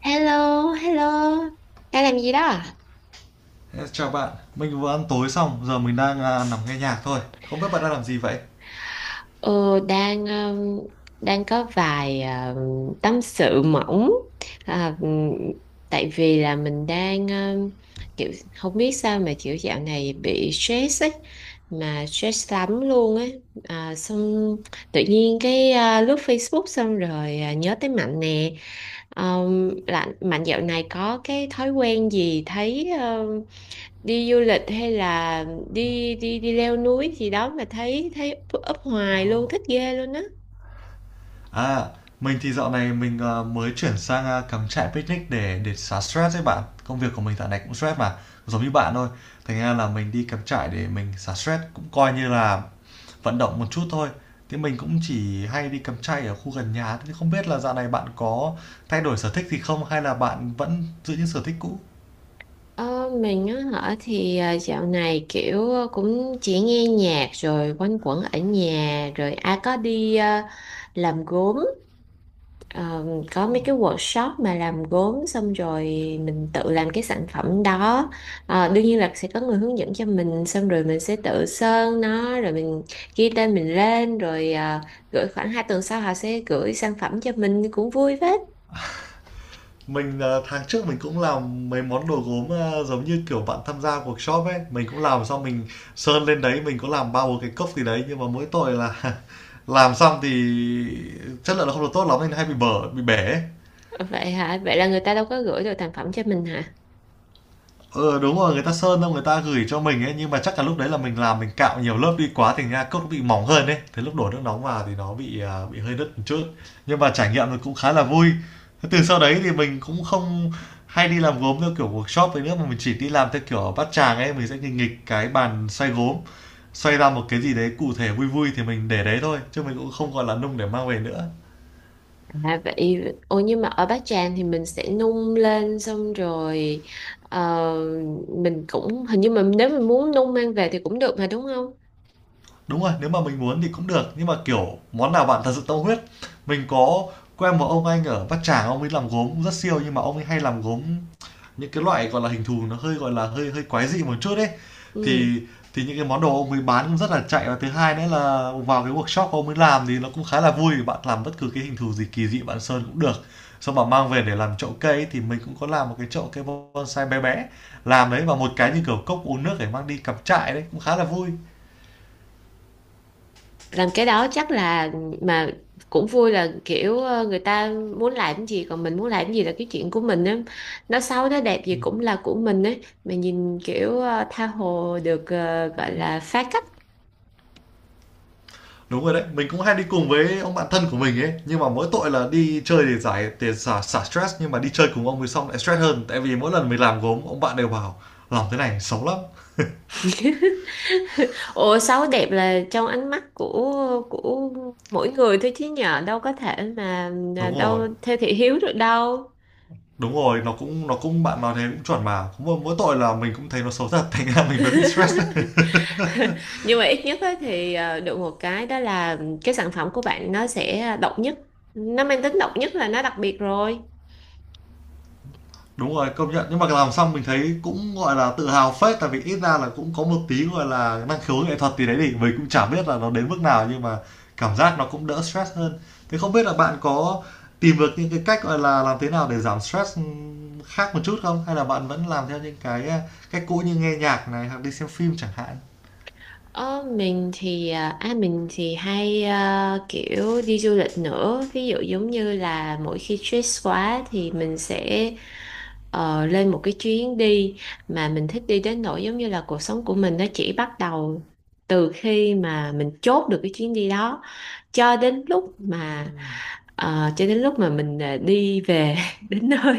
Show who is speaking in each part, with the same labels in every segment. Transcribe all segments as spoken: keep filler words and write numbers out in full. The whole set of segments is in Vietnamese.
Speaker 1: Hello, hello. Đang làm gì đó, à?
Speaker 2: Chào bạn. Mình vừa ăn tối xong, giờ mình đang à, nằm nghe nhạc thôi, không biết bạn đang làm gì vậy?
Speaker 1: Ờ, đang um, đang có vài um, tâm sự mỏng. À, um, Tại vì là mình đang um, kiểu không biết sao mà kiểu dạo này bị stress ấy, mà stress lắm luôn ấy. À, xong tự nhiên cái à, lướt Facebook xong rồi à, nhớ tới Mạnh nè. Um, là Mạnh dạo này có cái thói quen gì thấy đi du lịch hay là đi đi đi leo núi gì đó mà thấy thấy up hoài luôn, thích ghê luôn á.
Speaker 2: À, mình thì dạo này mình à, mới chuyển sang à, cắm trại, picnic để để xả stress đấy bạn. Công việc của mình dạo này cũng stress mà, giống như bạn thôi. Thành ra là mình đi cắm trại để mình xả stress, cũng coi như là vận động một chút thôi. Thế mình cũng chỉ hay đi cắm trại ở khu gần nhà. Thế không biết là dạo này bạn có thay đổi sở thích gì không, hay là bạn vẫn giữ những sở thích cũ?
Speaker 1: Ờ, mình á hả thì à, dạo này kiểu à, cũng chỉ nghe nhạc rồi quanh quẩn ở nhà, rồi ai có đi à, làm gốm. Ờ, có mấy cái workshop mà làm gốm, xong rồi mình tự làm cái sản phẩm đó. Ờ, đương nhiên là sẽ có người hướng dẫn cho mình, xong rồi mình sẽ tự sơn nó, rồi mình ghi tên mình lên, rồi à, gửi khoảng hai tuần sau họ sẽ gửi sản phẩm cho mình, cũng vui phết.
Speaker 2: Mình, ờ, tháng trước mình cũng làm mấy món đồ gốm, ơ, giống như, kiểu, bạn tham gia workshop ấy. Mình cũng làm xong mình sơn lên đấy, mình có làm bao bốn cái cốc gì đấy, nhưng mà mỗi tội là làm xong thì chất lượng nó không được tốt lắm, nên hay bị bở, bị bể ấy.
Speaker 1: Vậy hả, vậy là người ta đâu có gửi được thành phẩm cho mình hả?
Speaker 2: Ừ, đúng rồi. Người ta sơn đâu người ta gửi cho mình ấy, nhưng mà chắc là lúc đấy là mình làm mình cạo nhiều lớp đi quá, thành ra cốc nó bị mỏng hơn ấy. Thế lúc đổ nước nóng vào thì nó bị à, bị hơi đứt một chút. Nhưng mà trải nghiệm thì cũng khá là vui. Thế từ sau đấy thì mình cũng không hay đi làm gốm theo kiểu workshop ấy nữa, mà mình chỉ đi làm theo kiểu ở bát tràng ấy. Mình sẽ nghịch nghịch cái bàn xoay gốm, xoay ra một cái gì đấy cụ thể vui vui thì mình để đấy thôi, chứ mình cũng không còn là nung để mang về nữa.
Speaker 1: À, vậy ôi, nhưng mà ở Bát Tràng thì mình sẽ nung lên xong rồi, ờ, mình cũng hình như mà nếu mình muốn nung mang về thì cũng được mà, đúng không?
Speaker 2: Đúng rồi, nếu mà mình muốn thì cũng được, nhưng mà, kiểu, món nào bạn thật sự tâm huyết. Mình có quen một ông anh ở Bát Tràng, ông ấy làm gốm cũng rất siêu, nhưng mà ông ấy hay làm gốm những cái loại, gọi là, hình thù nó hơi, gọi là, hơi hơi quái dị một chút ấy.
Speaker 1: Ừ.
Speaker 2: Thì thì những cái món đồ ông ấy bán cũng rất là chạy, và thứ hai nữa là vào cái workshop ông ấy làm thì nó cũng khá là vui, bạn làm bất cứ cái hình thù gì kỳ dị bạn sơn cũng được. Xong bạn mang về để làm chậu cây ấy, thì mình cũng có làm một cái chậu cây bonsai bé bé, làm đấy và một cái như kiểu cốc uống nước để mang đi cắm trại đấy, cũng khá là vui.
Speaker 1: Làm cái đó chắc là, mà cũng vui là kiểu ờ, người ta muốn làm cái gì, còn mình muốn làm cái gì là cái chuyện của mình á. Nó xấu nó đẹp gì cũng là của mình ấy. Mà nhìn kiểu ờ, tha hồ được ờ, gọi là phá cách.
Speaker 2: Đúng rồi đấy, mình cũng hay đi cùng với ông bạn thân của mình ấy, nhưng mà mỗi tội là đi chơi để giải để xả xả stress, nhưng mà đi chơi cùng ông thì xong lại stress hơn, tại vì mỗi lần mình làm gốm ông bạn đều bảo làm thế này xấu lắm.
Speaker 1: Ủa, xấu đẹp là trong ánh mắt của của mỗi người thôi, chứ nhờ đâu có thể mà à,
Speaker 2: Đúng rồi,
Speaker 1: đâu theo thị hiếu được đâu.
Speaker 2: đúng rồi, nó cũng nó cũng bạn nói thế cũng chuẩn mà, cũng mỗi mỗi tội là mình cũng thấy nó xấu thật, thành ra mình mới bị stress.
Speaker 1: Nhưng mà ít nhất á thì ờ, được một cái đó là cái sản phẩm của bạn nó sẽ độc nhất, nó mang tính độc nhất, là nó đặc biệt rồi.
Speaker 2: Đúng rồi, công nhận. Nhưng mà làm xong mình thấy cũng, gọi là, tự hào phết, tại vì ít ra là cũng có một tí, gọi là, năng khiếu nghệ thuật gì đấy thì mình cũng chả biết là nó đến mức nào, nhưng mà cảm giác nó cũng đỡ stress hơn. Thế không biết là bạn có tìm được những cái cách, gọi là, làm thế nào để giảm stress, ừm, khác một chút không? Hay là bạn vẫn làm theo những cái, a, cách cũ như nghe nhạc này, hoặc đi xem phim chẳng hạn?
Speaker 1: Ờ, mình thì à à, mình thì hay à, kiểu đi du lịch nữa. Ví dụ giống như là mỗi khi stress quá thì mình sẽ ờ, lên một cái chuyến đi mà mình thích, đi đến nỗi giống như là cuộc sống của mình nó chỉ bắt đầu từ khi mà mình chốt được cái chuyến đi đó cho đến lúc mà ờ, cho đến lúc mà mình à, đi về đến nơi,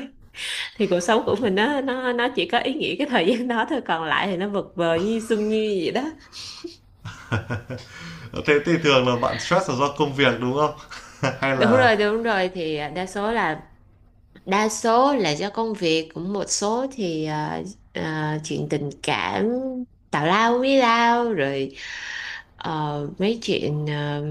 Speaker 1: thì cuộc sống của mình nó nó nó chỉ có ý nghĩa cái thời gian đó thôi, còn lại thì nó vật vờ như sương như vậy đó.
Speaker 2: Ờ, thế thì thường là bạn stress là do công việc, đúng không? Hay
Speaker 1: Đúng
Speaker 2: là
Speaker 1: rồi, đúng rồi thì đa số là, đa số là do công việc, cũng một số thì ờ, ờ, chuyện tình cảm tào lao với lao rồi, ờ, mấy chuyện ờ,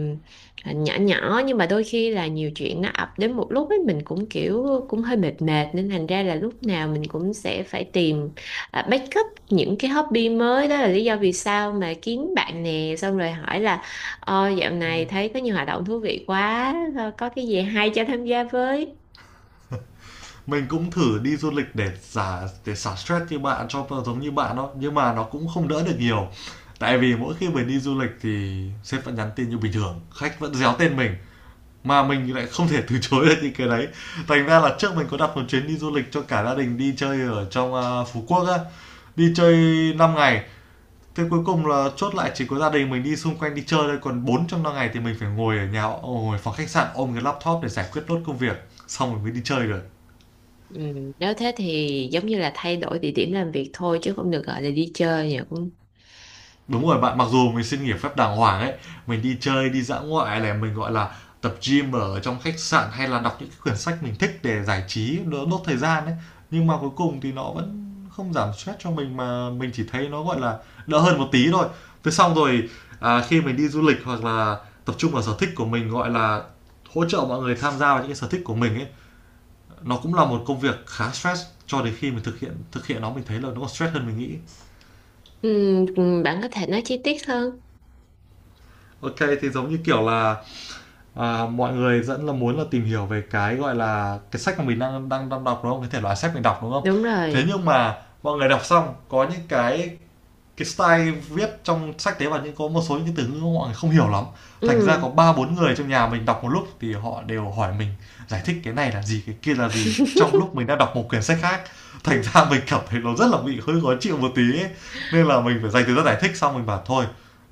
Speaker 1: nhỏ nhỏ, nhưng mà đôi khi là nhiều chuyện nó ập đến một lúc ấy, mình cũng kiểu cũng hơi mệt mệt, nên thành ra là lúc nào mình cũng sẽ phải tìm ờ, backup những cái hobby mới. Đó là lý do vì sao mà kiếm bạn nè, xong rồi hỏi là ờ, dạo này thấy có nhiều hoạt động thú vị quá, ờ, có cái gì hay cho tham gia với.
Speaker 2: mình cũng thử đi du lịch để xả để xả stress như bạn, cho giống như bạn đó, nhưng mà nó cũng không đỡ được nhiều, tại vì mỗi khi mình đi du lịch thì sếp vẫn nhắn tin như bình thường, khách vẫn réo tên mình mà mình lại không thể từ chối được những cái đấy. Thành ra là trước mình có đặt một chuyến đi du lịch cho cả gia đình đi chơi ở trong à, Phú Quốc á, đi chơi năm ngày. Thế cuối cùng là chốt lại chỉ có gia đình mình đi xung quanh đi chơi thôi, còn bốn trong năm ngày thì mình phải ngồi ở nhà, ngồi phòng khách sạn ôm cái laptop để giải quyết nốt công việc, xong rồi mới đi chơi được.
Speaker 1: Ừ, nếu thế thì giống như là thay đổi địa điểm làm việc thôi, chứ không được gọi là đi chơi nhỉ, cũng…
Speaker 2: Đúng rồi bạn, mặc dù mình xin nghỉ phép đàng hoàng ấy, mình đi chơi, đi dã ngoại này, mình, gọi là, tập gym ở trong khách sạn hay là đọc những cái quyển sách mình thích để giải trí, đỡ đốt thời gian ấy. Nhưng mà cuối cùng thì nó vẫn không giảm stress cho mình mà mình chỉ thấy nó, gọi là, đỡ hơn một tí thôi. Thế xong rồi, à, khi mình đi du lịch hoặc là tập trung vào sở thích của mình, gọi là, hỗ trợ mọi người tham gia vào những cái sở thích của mình ấy, nó cũng là một công việc khá stress. Cho đến khi mình thực hiện thực hiện nó, mình thấy là nó còn stress hơn mình nghĩ.
Speaker 1: Ừ, ừ, bạn có thể nói chi tiết hơn?
Speaker 2: Ok, thì giống như kiểu là, à, mọi người rất là muốn là tìm hiểu về cái, gọi là, cái sách mà mình đang đang đang đọc, đúng không? Cái thể loại sách mình đọc, đúng không?
Speaker 1: Đúng
Speaker 2: Thế
Speaker 1: rồi.
Speaker 2: nhưng mà mọi người đọc xong có những cái cái style viết trong sách tế, và những có một số những từ ngữ mọi người không hiểu lắm. Thành ra
Speaker 1: Ừ.
Speaker 2: có ba bốn người trong nhà mình đọc một lúc thì họ đều hỏi mình giải thích cái này là gì, cái kia là gì, trong lúc mình đang đọc một quyển sách khác. Thành ra mình cảm thấy nó rất là bị hơi khó chịu một tí ấy. Nên là mình phải dành thời gian giải thích, xong mình bảo thôi,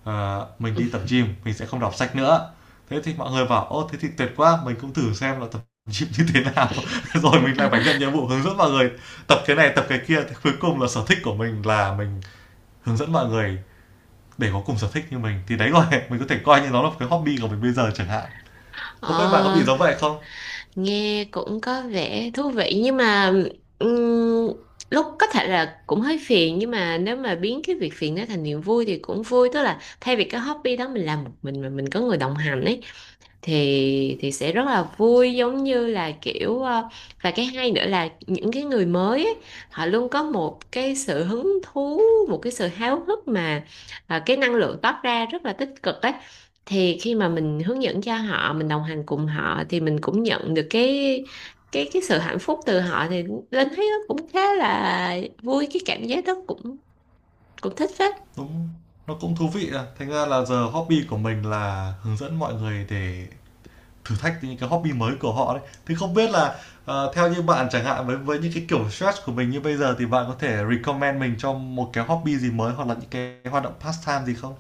Speaker 2: à, mình đi tập gym mình sẽ không đọc sách nữa. Thế thì mọi người bảo: ô, thế thì tuyệt quá, mình cũng thử xem là tập gym như thế nào, rồi mình lại phải nhận nhiệm vụ hướng dẫn mọi người tập cái này tập cái kia. Thì cuối cùng là sở thích của mình là mình hướng dẫn mọi người để có cùng sở thích như mình, thì đấy, gọi mình có thể coi như nó là cái hobby của mình bây giờ chẳng hạn. Không biết bạn có bị
Speaker 1: Ờ,
Speaker 2: giống vậy không?
Speaker 1: nghe cũng có vẻ thú vị, nhưng mà ừm, lúc có thể là cũng hơi phiền, nhưng mà nếu mà biến cái việc phiền đó thành niềm vui thì cũng vui. Tức là thay vì cái hobby đó mình làm một mình, mà mình có người đồng hành ấy, thì thì sẽ rất là vui, giống như là kiểu ờ, và cái hay nữa là những cái người mới ấy, họ luôn có một cái sự hứng thú, một cái sự háo hức mà ờ, cái năng lượng toát ra rất là tích cực ấy. Thì khi mà mình hướng dẫn cho họ, mình đồng hành cùng họ, thì mình cũng nhận được cái cái cái sự hạnh phúc từ họ, thì Linh thấy nó cũng khá là vui, cái cảm giác đó cũng cũng thích phết.
Speaker 2: Đúng, nó cũng thú vị. À, thành ra là giờ hobby của mình là hướng dẫn mọi người để thử thách những cái hobby mới của họ đấy. Thì không biết là, ờ, theo như bạn chẳng hạn, với với những cái kiểu stress của mình như bây giờ, thì bạn có thể recommend mình cho một cái hobby gì mới, hoặc là những cái hoạt động pastime gì không?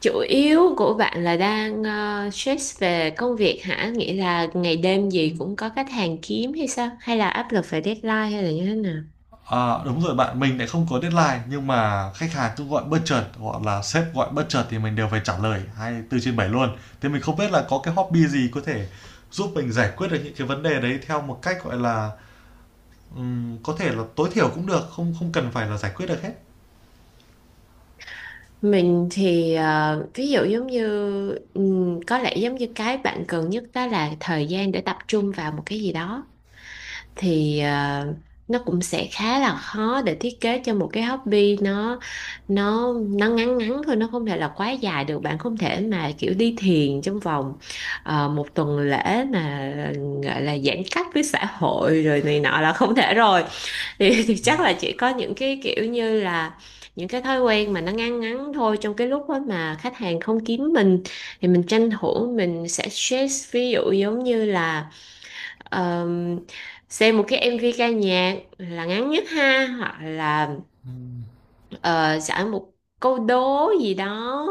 Speaker 1: Chủ yếu của bạn là đang ờ, stress về công việc hả? Nghĩa là ngày đêm gì cũng có khách hàng kiếm hay sao? Hay là áp lực về deadline hay là như thế nào?
Speaker 2: À, đúng rồi bạn, mình lại không có deadline, nhưng mà khách hàng cứ gọi bất chợt hoặc là sếp gọi bất chợt thì mình đều phải trả lời hai tư trên bảy luôn. Thế mình không biết là có cái hobby gì có thể giúp mình giải quyết được những cái vấn đề đấy theo một cách, gọi là, ừm, có thể là tối thiểu cũng được, không, không cần phải là giải quyết được hết.
Speaker 1: Mình thì ờ, ví dụ giống như ừm, có lẽ giống như cái bạn cần nhất đó là thời gian để tập trung vào một cái gì đó. Thì à, nó cũng sẽ khá là khó để thiết kế cho một cái hobby, nó nó nó ngắn ngắn thôi, nó không thể là quá dài được. Bạn không thể mà kiểu đi thiền trong vòng ờ, một tuần lễ mà gọi là giãn cách với xã hội rồi này nọ, là không thể rồi. Thì, thì
Speaker 2: Đúng.
Speaker 1: chắc là chỉ có những cái kiểu như là những cái thói quen mà nó ngắn ngắn thôi, trong cái lúc đó mà khách hàng không kiếm mình, thì mình tranh thủ mình sẽ stress. Ví dụ giống như là ờ, xem một cái em vê ca nhạc là ngắn nhất ha, hoặc là ờ, sẵn một câu đố gì đó,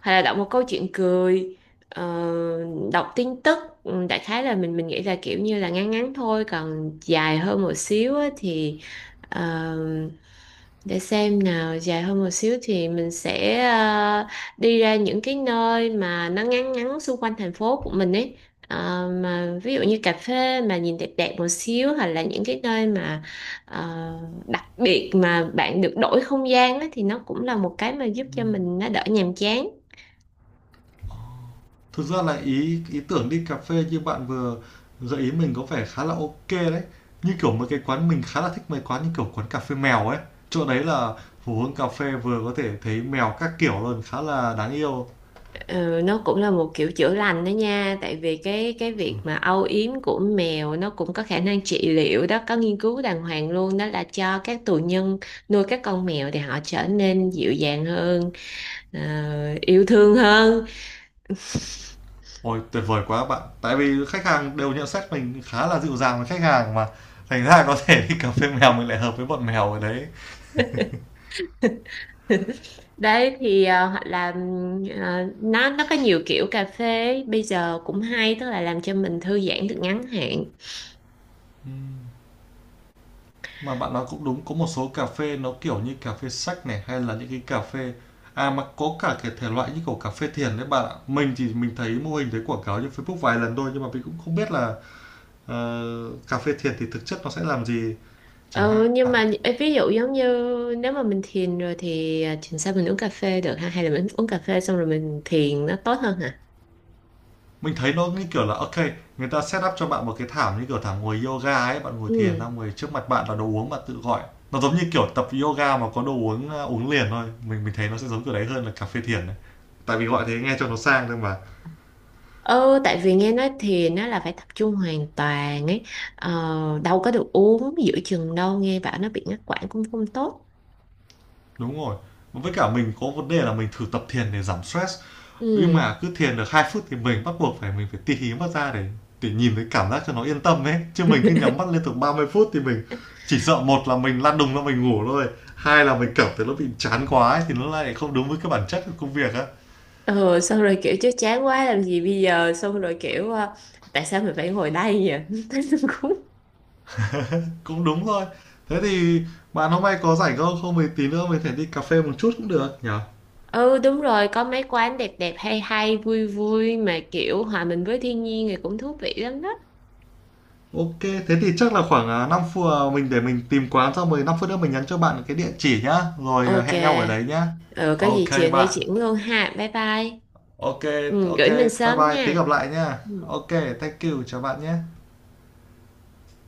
Speaker 1: hay là đọc một câu chuyện cười, ờ, đọc tin tức. Ừ, đại khái là mình mình nghĩ là kiểu như là ngắn ngắn thôi. Còn dài hơn một xíu á, thì ờ, để xem nào, dài hơn một xíu thì mình sẽ ờ, đi ra những cái nơi mà nó ngắn ngắn xung quanh thành phố của mình ấy. Ờ, mà ví dụ như cà phê mà nhìn đẹp đẹp một xíu, hoặc là những cái nơi mà ờ, đặc biệt mà bạn được đổi không gian á, thì nó cũng là một cái mà giúp cho
Speaker 2: Ừm.
Speaker 1: mình nó đỡ nhàm chán.
Speaker 2: Thực ra là ý ý tưởng đi cà phê như bạn vừa gợi ý mình có vẻ khá là ok đấy. Như kiểu mấy cái quán mình khá là thích, mấy quán như kiểu quán cà phê mèo ấy. Chỗ đấy là phố hướng cà phê, vừa có thể thấy mèo các kiểu luôn, khá là đáng yêu.
Speaker 1: Ừ, nó cũng là một kiểu chữa lành đó nha. Tại vì cái cái việc mà âu yếm của mèo nó cũng có khả năng trị liệu đó, có nghiên cứu đàng hoàng luôn đó, là cho các tù nhân nuôi các con mèo thì họ trở nên dịu dàng hơn, ờ, yêu thương hơn.
Speaker 2: Ôi, tuyệt vời quá bạn. Tại vì khách hàng đều nhận xét mình khá là dịu dàng với khách hàng mà. Thành ra có thể đi cà phê mèo, mình lại hợp với bọn mèo ở đấy.
Speaker 1: Đấy thì ờ, hoặc là ừm, ờ, nó nó có nhiều kiểu cà phê bây giờ cũng hay, tức là làm cho mình thư giãn được ngắn hạn.
Speaker 2: Mà bạn nói cũng đúng, có một số cà phê nó kiểu như cà phê sách này, hay là những cái cà phê, à mà có cả cái thể loại như kiểu cà phê thiền đấy bạn ạ. Mình thì mình thấy mô hình, thấy quảng cáo trên Facebook vài lần thôi, nhưng mà mình cũng không biết là, ờ, cà phê thiền thì thực chất nó sẽ làm gì chẳng
Speaker 1: Ờ, nhưng
Speaker 2: hạn.
Speaker 1: mà ê, ví dụ giống như, nếu mà mình thiền rồi thì à, thiền sao mình uống cà phê được ha, hay là mình uống cà phê xong rồi mình thiền nó tốt hơn hả?
Speaker 2: Mình thấy nó như kiểu là ok, người ta set up cho bạn một cái thảm như kiểu thảm ngồi yoga ấy, bạn ngồi thiền ta
Speaker 1: Ừ.
Speaker 2: ngồi, trước mặt bạn là đồ uống bạn tự gọi. Nó giống như kiểu tập yoga mà có đồ uống, ờ, uống liền thôi. Mình mình thấy nó sẽ giống kiểu đấy hơn là cà phê thiền đấy, tại vì gọi thế nghe cho nó sang thôi mà.
Speaker 1: Ừ, tại vì nghe nói thiền nó là phải tập trung hoàn toàn ấy, ờ, đâu có được uống giữa chừng đâu, nghe bảo nó bị ngắt quãng cũng không tốt.
Speaker 2: Đúng rồi. Với cả mình có vấn đề là mình thử tập thiền để giảm stress, nhưng
Speaker 1: Ừ.
Speaker 2: mà cứ thiền được hai phút thì mình bắt buộc phải mình phải tì hí mắt ra để để nhìn thấy cảm giác cho nó yên tâm ấy, chứ mình cứ nhắm mắt liên tục ba mươi phút thì mình chỉ sợ, một là mình lăn đùng ra mình ngủ thôi, hai là mình cảm thấy nó bị chán quá ấy, thì nó lại không đúng với cái bản chất của công việc á.
Speaker 1: Ừ, xong rồi kiểu chứ chán quá làm gì bây giờ, xong rồi kiểu ờ, tại sao mình phải ngồi đây vậy? Thấy nó cũng…
Speaker 2: Cũng đúng thôi. Thế thì bạn hôm nay có rảnh không? Không thì tí nữa mình thể đi cà phê một chút cũng được nhỉ?
Speaker 1: Ừ, đúng rồi, có mấy quán đẹp đẹp, hay hay vui vui, mà kiểu hòa mình với thiên nhiên thì cũng thú vị lắm đó.
Speaker 2: Ok, thế thì chắc là khoảng à, năm phút, à, mình để mình tìm quán, xong rồi năm phút nữa mình nhắn cho bạn cái địa chỉ nhá, rồi à,
Speaker 1: Ok.
Speaker 2: hẹn nhau ở đấy nhá.
Speaker 1: Ừ, có gì
Speaker 2: Ok
Speaker 1: chiều nay
Speaker 2: bạn.
Speaker 1: chuyển luôn ha. Bye bye.
Speaker 2: Ok,
Speaker 1: Ừ,
Speaker 2: ok,
Speaker 1: gửi mình
Speaker 2: bye
Speaker 1: sớm
Speaker 2: bye, tí
Speaker 1: nha.
Speaker 2: gặp lại nhá.
Speaker 1: Ừ.
Speaker 2: Ok, thank you, chào bạn nhé.